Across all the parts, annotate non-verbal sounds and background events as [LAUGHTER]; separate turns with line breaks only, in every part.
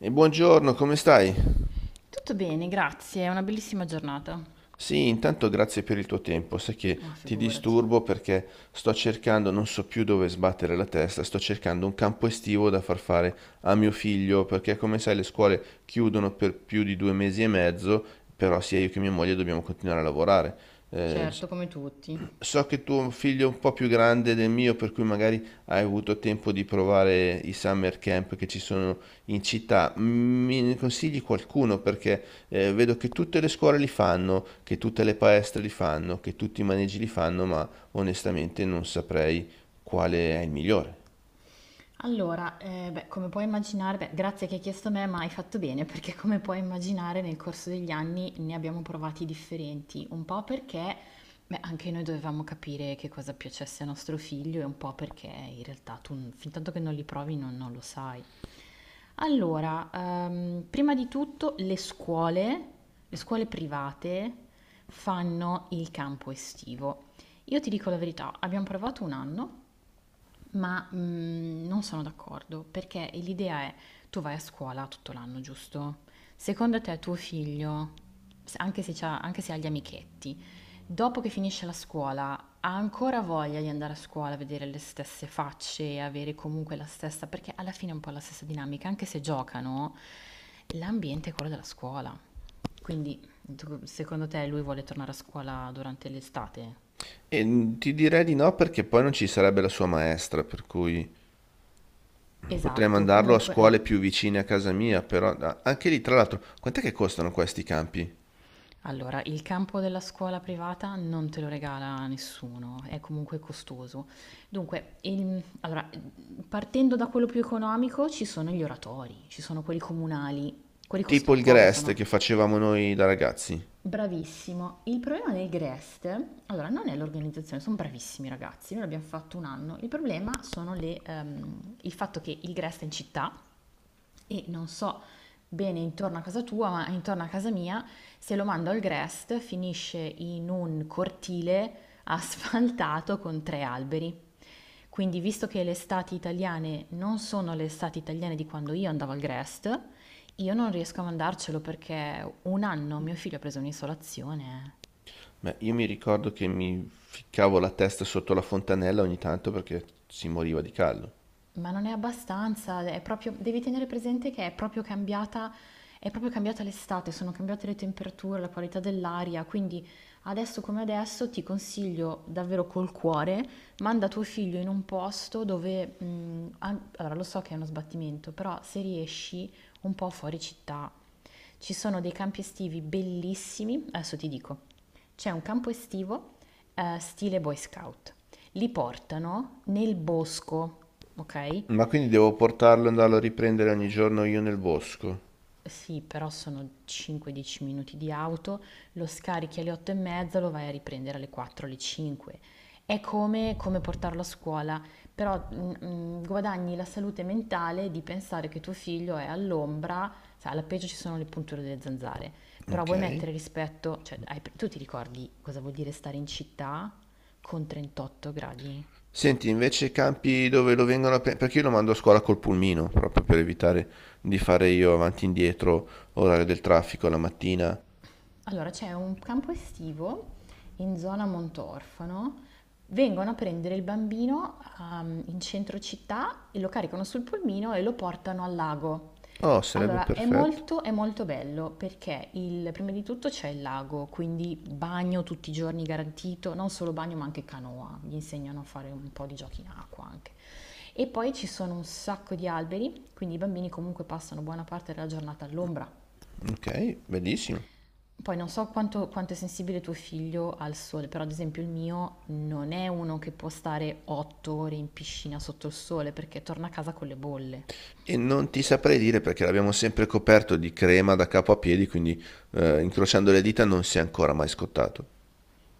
E buongiorno, come stai?
Tutto bene, grazie, è una bellissima giornata.
Sì, intanto grazie per il tuo tempo. Sai che
Ma
ti
figurati.
disturbo perché sto cercando, non so più dove sbattere la testa, sto cercando un campo estivo da far fare a mio figlio, perché come sai le scuole chiudono per più di 2 mesi e mezzo, però sia io che mia moglie dobbiamo continuare a lavorare. Eh, s-
Certo, come tutti.
so che tuo figlio è un po' più grande del mio, per cui magari hai avuto tempo di provare i summer camp che ci sono in città. Mi consigli qualcuno, perché vedo che tutte le scuole li fanno, che tutte le palestre li fanno, che tutti i maneggi li fanno, ma onestamente non saprei quale è il migliore.
Allora, beh, come puoi immaginare beh, grazie che hai chiesto a me, ma hai fatto bene, [LAUGHS] perché come puoi immaginare nel corso degli anni ne abbiamo provati differenti, un po' perché, beh, anche noi dovevamo capire che cosa piacesse a nostro figlio e un po' perché in realtà fin tanto che non li provi non lo sai. Allora, prima di tutto le scuole private fanno il campo estivo. Io ti dico la verità, abbiamo provato un anno. Ma non sono d'accordo, perché l'idea è tu vai a scuola tutto l'anno, giusto? Secondo te tuo figlio, anche se, anche se ha gli amichetti, dopo che finisce la scuola ha ancora voglia di andare a scuola, vedere le stesse facce e avere comunque la stessa, perché alla fine è un po' la stessa dinamica, anche se giocano, l'ambiente è quello della scuola. Quindi, secondo te lui vuole tornare a scuola durante l'estate?
Ti direi di no, perché poi non ci sarebbe la sua maestra, per cui potrei
Esatto,
mandarlo a
comunque
scuole
eh.
più vicine a casa mia, però anche lì, tra l'altro, quant'è che costano questi campi?
Allora, il campo della scuola privata non te lo regala nessuno, è comunque costoso. Dunque, allora, partendo da quello più economico, ci sono gli oratori, ci sono quelli comunali, quelli
Tipo
costano
il
poco,
Grest
sono
che facevamo noi da ragazzi.
bravissimo. Il problema del Grest, allora, non è l'organizzazione, sono bravissimi i ragazzi, noi l'abbiamo fatto un anno. Il problema sono il fatto che il Grest è in città e non so bene intorno a casa tua, ma intorno a casa mia, se lo mando al Grest finisce in un cortile asfaltato con 3 alberi. Quindi, visto che le estati italiane non sono le estati italiane di quando io andavo al Grest, io non riesco a mandarcelo perché un anno mio figlio ha preso un'isolazione.
Beh, io mi ricordo che mi ficcavo la testa sotto la fontanella ogni tanto perché si moriva di caldo.
Ma non è abbastanza, è proprio, devi tenere presente che è proprio cambiata l'estate, sono cambiate le temperature, la qualità dell'aria, quindi adesso come adesso ti consiglio davvero col cuore, manda tuo figlio in un posto dove, allora lo so che è uno sbattimento, però se riesci un po' fuori città, ci sono dei campi estivi bellissimi, adesso ti dico, c'è un campo estivo stile Boy Scout. Li portano nel bosco, ok?
Ma quindi devo portarlo e andarlo a riprendere ogni giorno io nel bosco?
Sì, però sono 5-10 minuti di auto, lo scarichi alle 8 e mezza, lo vai a riprendere alle 4, alle 5. È come, come portarlo a scuola, però guadagni la salute mentale di pensare che tuo figlio è all'ombra, sai, alla peggio ci sono le punture delle zanzare, però
Ok.
vuoi mettere rispetto, cioè, tu ti ricordi cosa vuol dire stare in città con 38 gradi?
Senti, invece campi dove lo vengono a prendere, perché io lo mando a scuola col pulmino, proprio per evitare di fare io avanti e indietro, orario del traffico la mattina.
Allora, c'è un campo estivo in zona Montorfano. Vengono a prendere il bambino in centro città e lo caricano sul pulmino e lo portano al lago.
Oh, sarebbe
Allora,
perfetto.
è molto bello perché prima di tutto c'è il lago, quindi bagno tutti i giorni garantito, non solo bagno ma anche canoa, gli insegnano a fare un po' di giochi in acqua anche. E poi ci sono un sacco di alberi, quindi i bambini comunque passano buona parte della giornata all'ombra.
Ok, bellissimo.
Poi non so quanto, quanto è sensibile tuo figlio al sole, però ad esempio il mio non è uno che può stare 8 ore in piscina sotto il sole perché torna a casa con le bolle.
E non ti saprei dire perché l'abbiamo sempre coperto di crema da capo a piedi, quindi incrociando le dita non si è ancora mai scottato.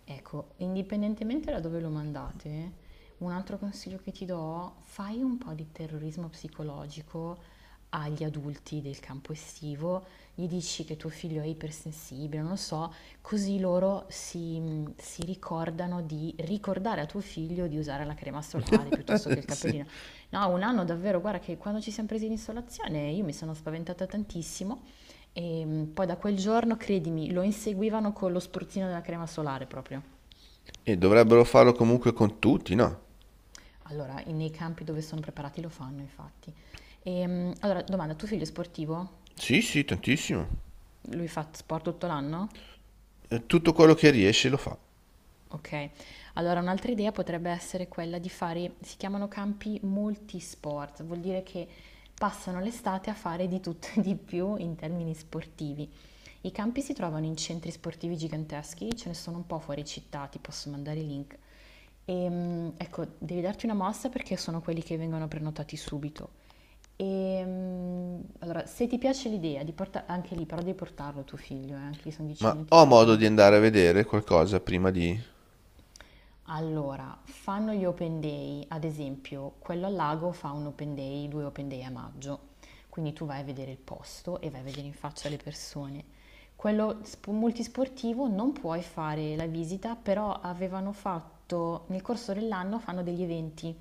Ecco, indipendentemente da dove lo mandate, un altro consiglio che ti do, fai un po' di terrorismo psicologico agli adulti del campo estivo, gli dici che tuo figlio è ipersensibile, non lo so, così loro si ricordano di ricordare a tuo figlio di usare la crema solare
[LAUGHS]
piuttosto che il
Sì.
cappellino. No, un anno davvero, guarda che quando ci siamo presi in isolazione io mi sono spaventata tantissimo e poi da quel giorno, credimi, lo inseguivano con lo spruzzino della crema solare proprio.
E dovrebbero farlo comunque con tutti, no?
Allora, nei campi dove sono preparati lo fanno, infatti. Allora, domanda, tuo figlio è sportivo?
Sì, sì, tantissimo.
Lui fa sport tutto l'anno?
Tutto quello che riesce lo fa.
Ok. Allora, un'altra idea potrebbe essere quella di fare, si chiamano campi multisport, vuol dire che passano l'estate a fare di tutto e di più in termini sportivi. I campi si trovano in centri sportivi giganteschi, ce ne sono un po' fuori città, ti posso mandare i link. Ecco, devi darti una mossa perché sono quelli che vengono prenotati subito. Allora, se ti piace l'idea di portare anche lì, però devi portarlo tuo figlio, anche lì sono 10
Ma
minuti
ho
di auto la
modo di andare
mattina.
a vedere qualcosa prima di...
Allora, fanno gli open day, ad esempio, quello al lago fa un open day, due open day a maggio, quindi tu vai a vedere il posto e vai a vedere in faccia le persone. Multisportivo non puoi fare la visita, però avevano fatto, nel corso dell'anno fanno degli eventi,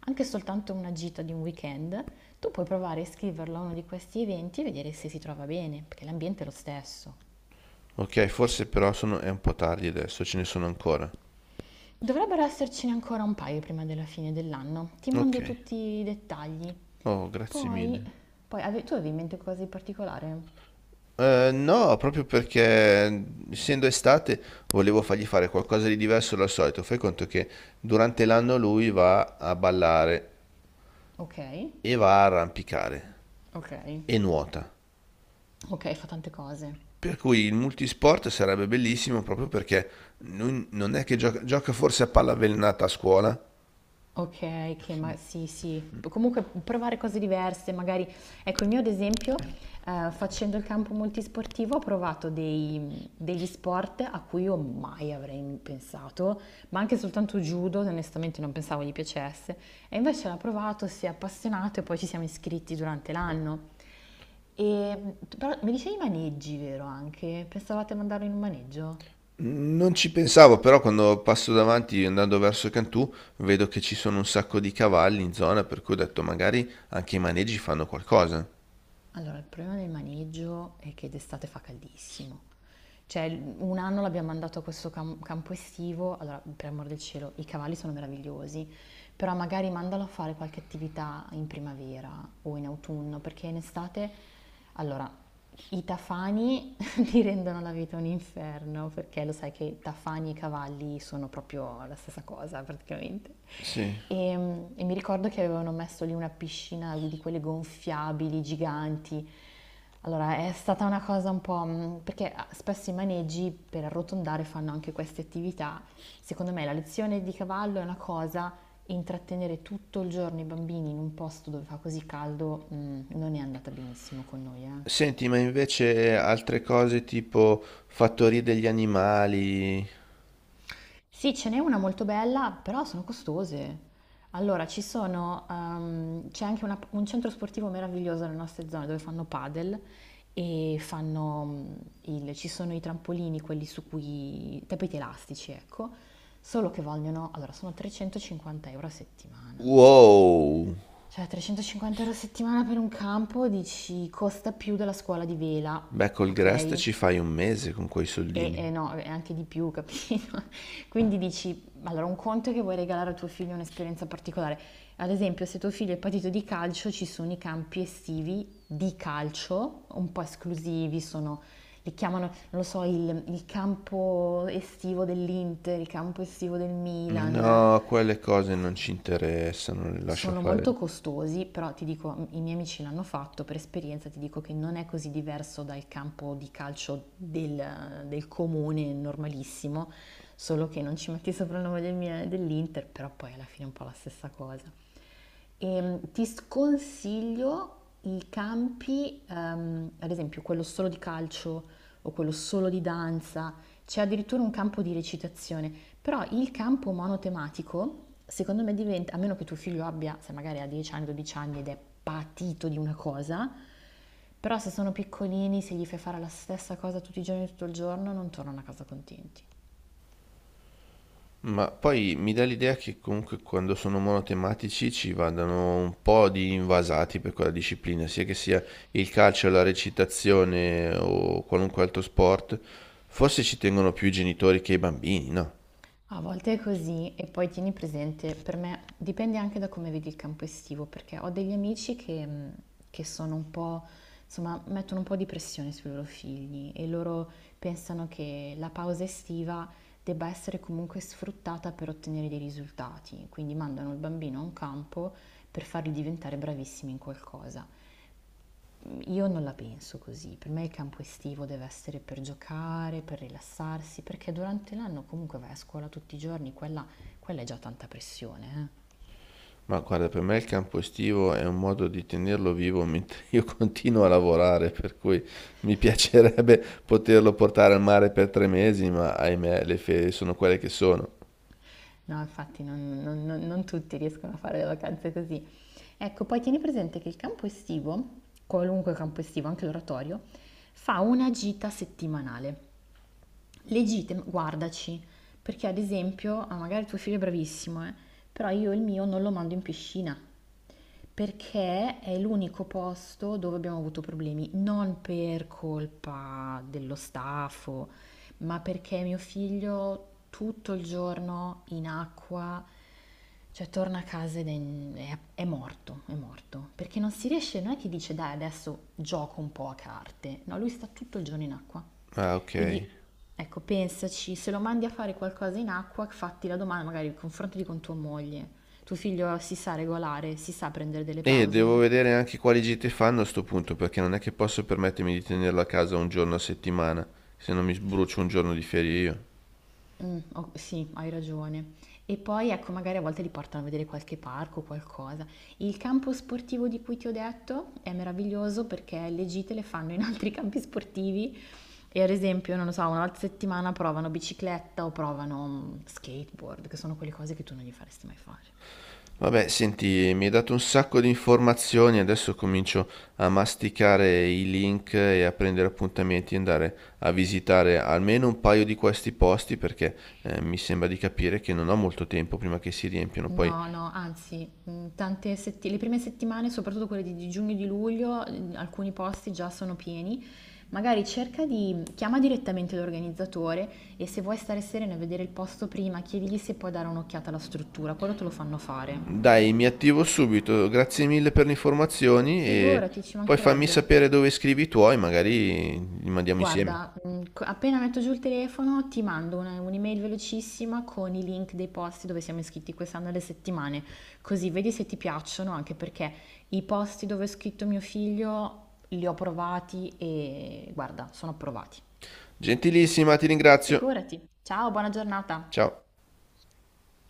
anche soltanto una gita di un weekend, tu puoi provare a iscriverlo a uno di questi eventi e vedere se si trova bene, perché l'ambiente è lo stesso.
Ok, forse però sono... è un po' tardi adesso, ce ne sono ancora?
Dovrebbero essercene ancora un paio prima della fine dell'anno. Ti
Ok.
mando tutti i dettagli.
Oh, grazie
Poi,
mille.
tu avevi in mente qualcosa di particolare?
No, proprio perché essendo estate volevo fargli fare qualcosa di diverso dal solito. Fai conto che durante l'anno lui va a ballare
Ok,
e va a arrampicare
ok,
e nuota.
ok, fa tante cose.
Per cui il multisport sarebbe bellissimo, proprio perché non è che gioca, gioca forse a palla avvelenata a scuola?
Ok, che ma sì, sì. Comunque provare cose diverse, magari. Ecco, il mio ad esempio, facendo il campo multisportivo, ho provato degli sport a cui io mai avrei pensato, ma anche soltanto judo, onestamente non pensavo gli piacesse. E invece l'ho provato, si è appassionato e poi ci siamo iscritti durante l'anno. E però mi dicevi maneggi, vero anche? Pensavate a mandarlo in un maneggio?
Non ci pensavo, però quando passo davanti andando verso Cantù vedo che ci sono un sacco di cavalli in zona, per cui ho detto magari anche i maneggi fanno qualcosa.
Allora, il problema del maneggio è che d'estate fa caldissimo. Cioè, un anno l'abbiamo mandato a questo campo estivo, allora, per amor del cielo, i cavalli sono meravigliosi, però magari mandalo a fare qualche attività in primavera o in autunno, perché in estate, allora, i tafani [LAUGHS] ti rendono la vita un inferno, perché lo sai che tafani e cavalli sono proprio la stessa cosa praticamente.
Sì.
E, e mi ricordo che avevano messo lì una piscina di quelle gonfiabili, giganti. Allora, è stata una cosa un po' perché spesso i maneggi per arrotondare fanno anche queste attività. Secondo me la lezione di cavallo è una cosa, intrattenere tutto il giorno i bambini in un posto dove fa così caldo, non è andata benissimo con noi, eh.
Senti, ma invece altre cose tipo fattorie degli animali?
Sì, ce n'è una molto bella, però sono costose. Allora, c'è anche un centro sportivo meraviglioso nelle nostre zone dove fanno padel e fanno ci sono i trampolini, quelli su cui, i tappeti elastici, ecco, solo che vogliono, allora, sono 350 euro a settimana.
Wow!
Cioè, 350 euro a settimana per un campo, dici, costa più della scuola di vela,
Beh, col Grest
ok?
ci fai un mese con quei
E
soldini.
no, è anche di più, capito? [LAUGHS] Quindi dici, allora un conto è che vuoi regalare a tuo figlio un'esperienza particolare. Ad esempio, se tuo figlio è patito di calcio, ci sono i campi estivi di calcio, un po' esclusivi, sono, li chiamano, non lo so, il campo estivo dell'Inter, il campo estivo del Milan,
No, quelle cose non ci interessano, le lascio
sono molto
fare.
costosi, però ti dico, i miei amici l'hanno fatto, per esperienza ti dico che non è così diverso dal campo di calcio del comune normalissimo, solo che non ci metti sopra il nome dell'Inter, però poi alla fine è un po' la stessa cosa. Ti sconsiglio ad esempio quello solo di calcio o quello solo di danza, c'è addirittura un campo di recitazione, però il campo monotematico, secondo me diventa, a meno che tuo figlio abbia, se magari ha 10 anni, 12 anni ed è patito di una cosa, però se sono piccolini, se gli fai fare la stessa cosa tutti i giorni, tutto il giorno, non tornano a casa contenti.
Ma poi mi dà l'idea che comunque quando sono monotematici ci vadano un po' di invasati per quella disciplina, sia che sia il calcio, la recitazione o qualunque altro sport. Forse ci tengono più i genitori che i bambini, no?
A volte è così e poi tieni presente, per me dipende anche da come vedi il campo estivo, perché ho degli amici che sono un po', insomma, mettono un po' di pressione sui loro figli e loro pensano che la pausa estiva debba essere comunque sfruttata per ottenere dei risultati, quindi mandano il bambino a un campo per farli diventare bravissimi in qualcosa. Io non la penso così, per me il campo estivo deve essere per giocare, per rilassarsi, perché durante l'anno comunque vai a scuola tutti i giorni, quella è già tanta pressione, eh.
Ma guarda, per me il campo estivo è un modo di tenerlo vivo mentre io [LAUGHS] continuo a lavorare, per cui mi piacerebbe poterlo portare al mare per 3 mesi, ma ahimè, le ferie sono quelle che sono.
No, infatti non tutti riescono a fare le vacanze così. Ecco, poi tieni presente che il campo estivo, qualunque campo estivo, anche l'oratorio, fa una gita settimanale. Legittima, guardaci, perché ad esempio, ah, magari tuo figlio è bravissimo, però io il mio non lo mando in piscina, perché è l'unico posto dove abbiamo avuto problemi, non per colpa dello staff, ma perché mio figlio tutto il giorno in acqua cioè torna a casa ed è morto, è morto. Perché non si riesce, non è che dice dai adesso gioco un po' a carte. No, lui sta tutto il giorno in acqua.
Ah, ok.
Quindi ecco, pensaci, se lo mandi a fare qualcosa in acqua, fatti la domanda, magari confrontati con tua moglie. Tuo figlio si sa regolare, si sa prendere delle
E devo
pause?
vedere anche quali gite fanno a sto punto, perché non è che posso permettermi di tenerlo a casa un giorno a settimana, se non mi sbrucio un giorno di ferie io.
O sì, hai ragione. E poi, ecco, magari a volte li portano a vedere qualche parco o qualcosa. Il campo sportivo di cui ti ho detto è meraviglioso perché le gite le fanno in altri [LAUGHS] campi sportivi e ad esempio, non lo so, una volta a settimana provano bicicletta o provano, skateboard, che sono quelle cose che tu non gli faresti mai fare.
Vabbè, senti, mi hai dato un sacco di informazioni, adesso comincio a masticare i link e a prendere appuntamenti e andare a visitare almeno un paio di questi posti, perché mi sembra di capire che non ho molto tempo prima che si riempiano, poi
No, no, anzi, le prime settimane, soprattutto quelle di giugno e di luglio, alcuni posti già sono pieni. Magari cerca di chiama direttamente l'organizzatore e se vuoi stare serena e vedere il posto prima, chiedigli se puoi dare un'occhiata alla struttura, quello te lo fanno fare.
dai, mi attivo subito. Grazie mille per le informazioni, e
Figurati, ci
poi fammi
mancherebbe.
sapere dove scrivi i tuoi, magari li mandiamo insieme.
Guarda, appena metto giù il telefono ti mando un'email velocissima con i link dei posti dove siamo iscritti quest'anno alle settimane, così vedi se ti piacciono, anche perché i posti dove è scritto mio figlio li ho provati e guarda, sono approvati.
Gentilissima, ti ringrazio.
Figurati. Ciao, buona giornata.
Ciao.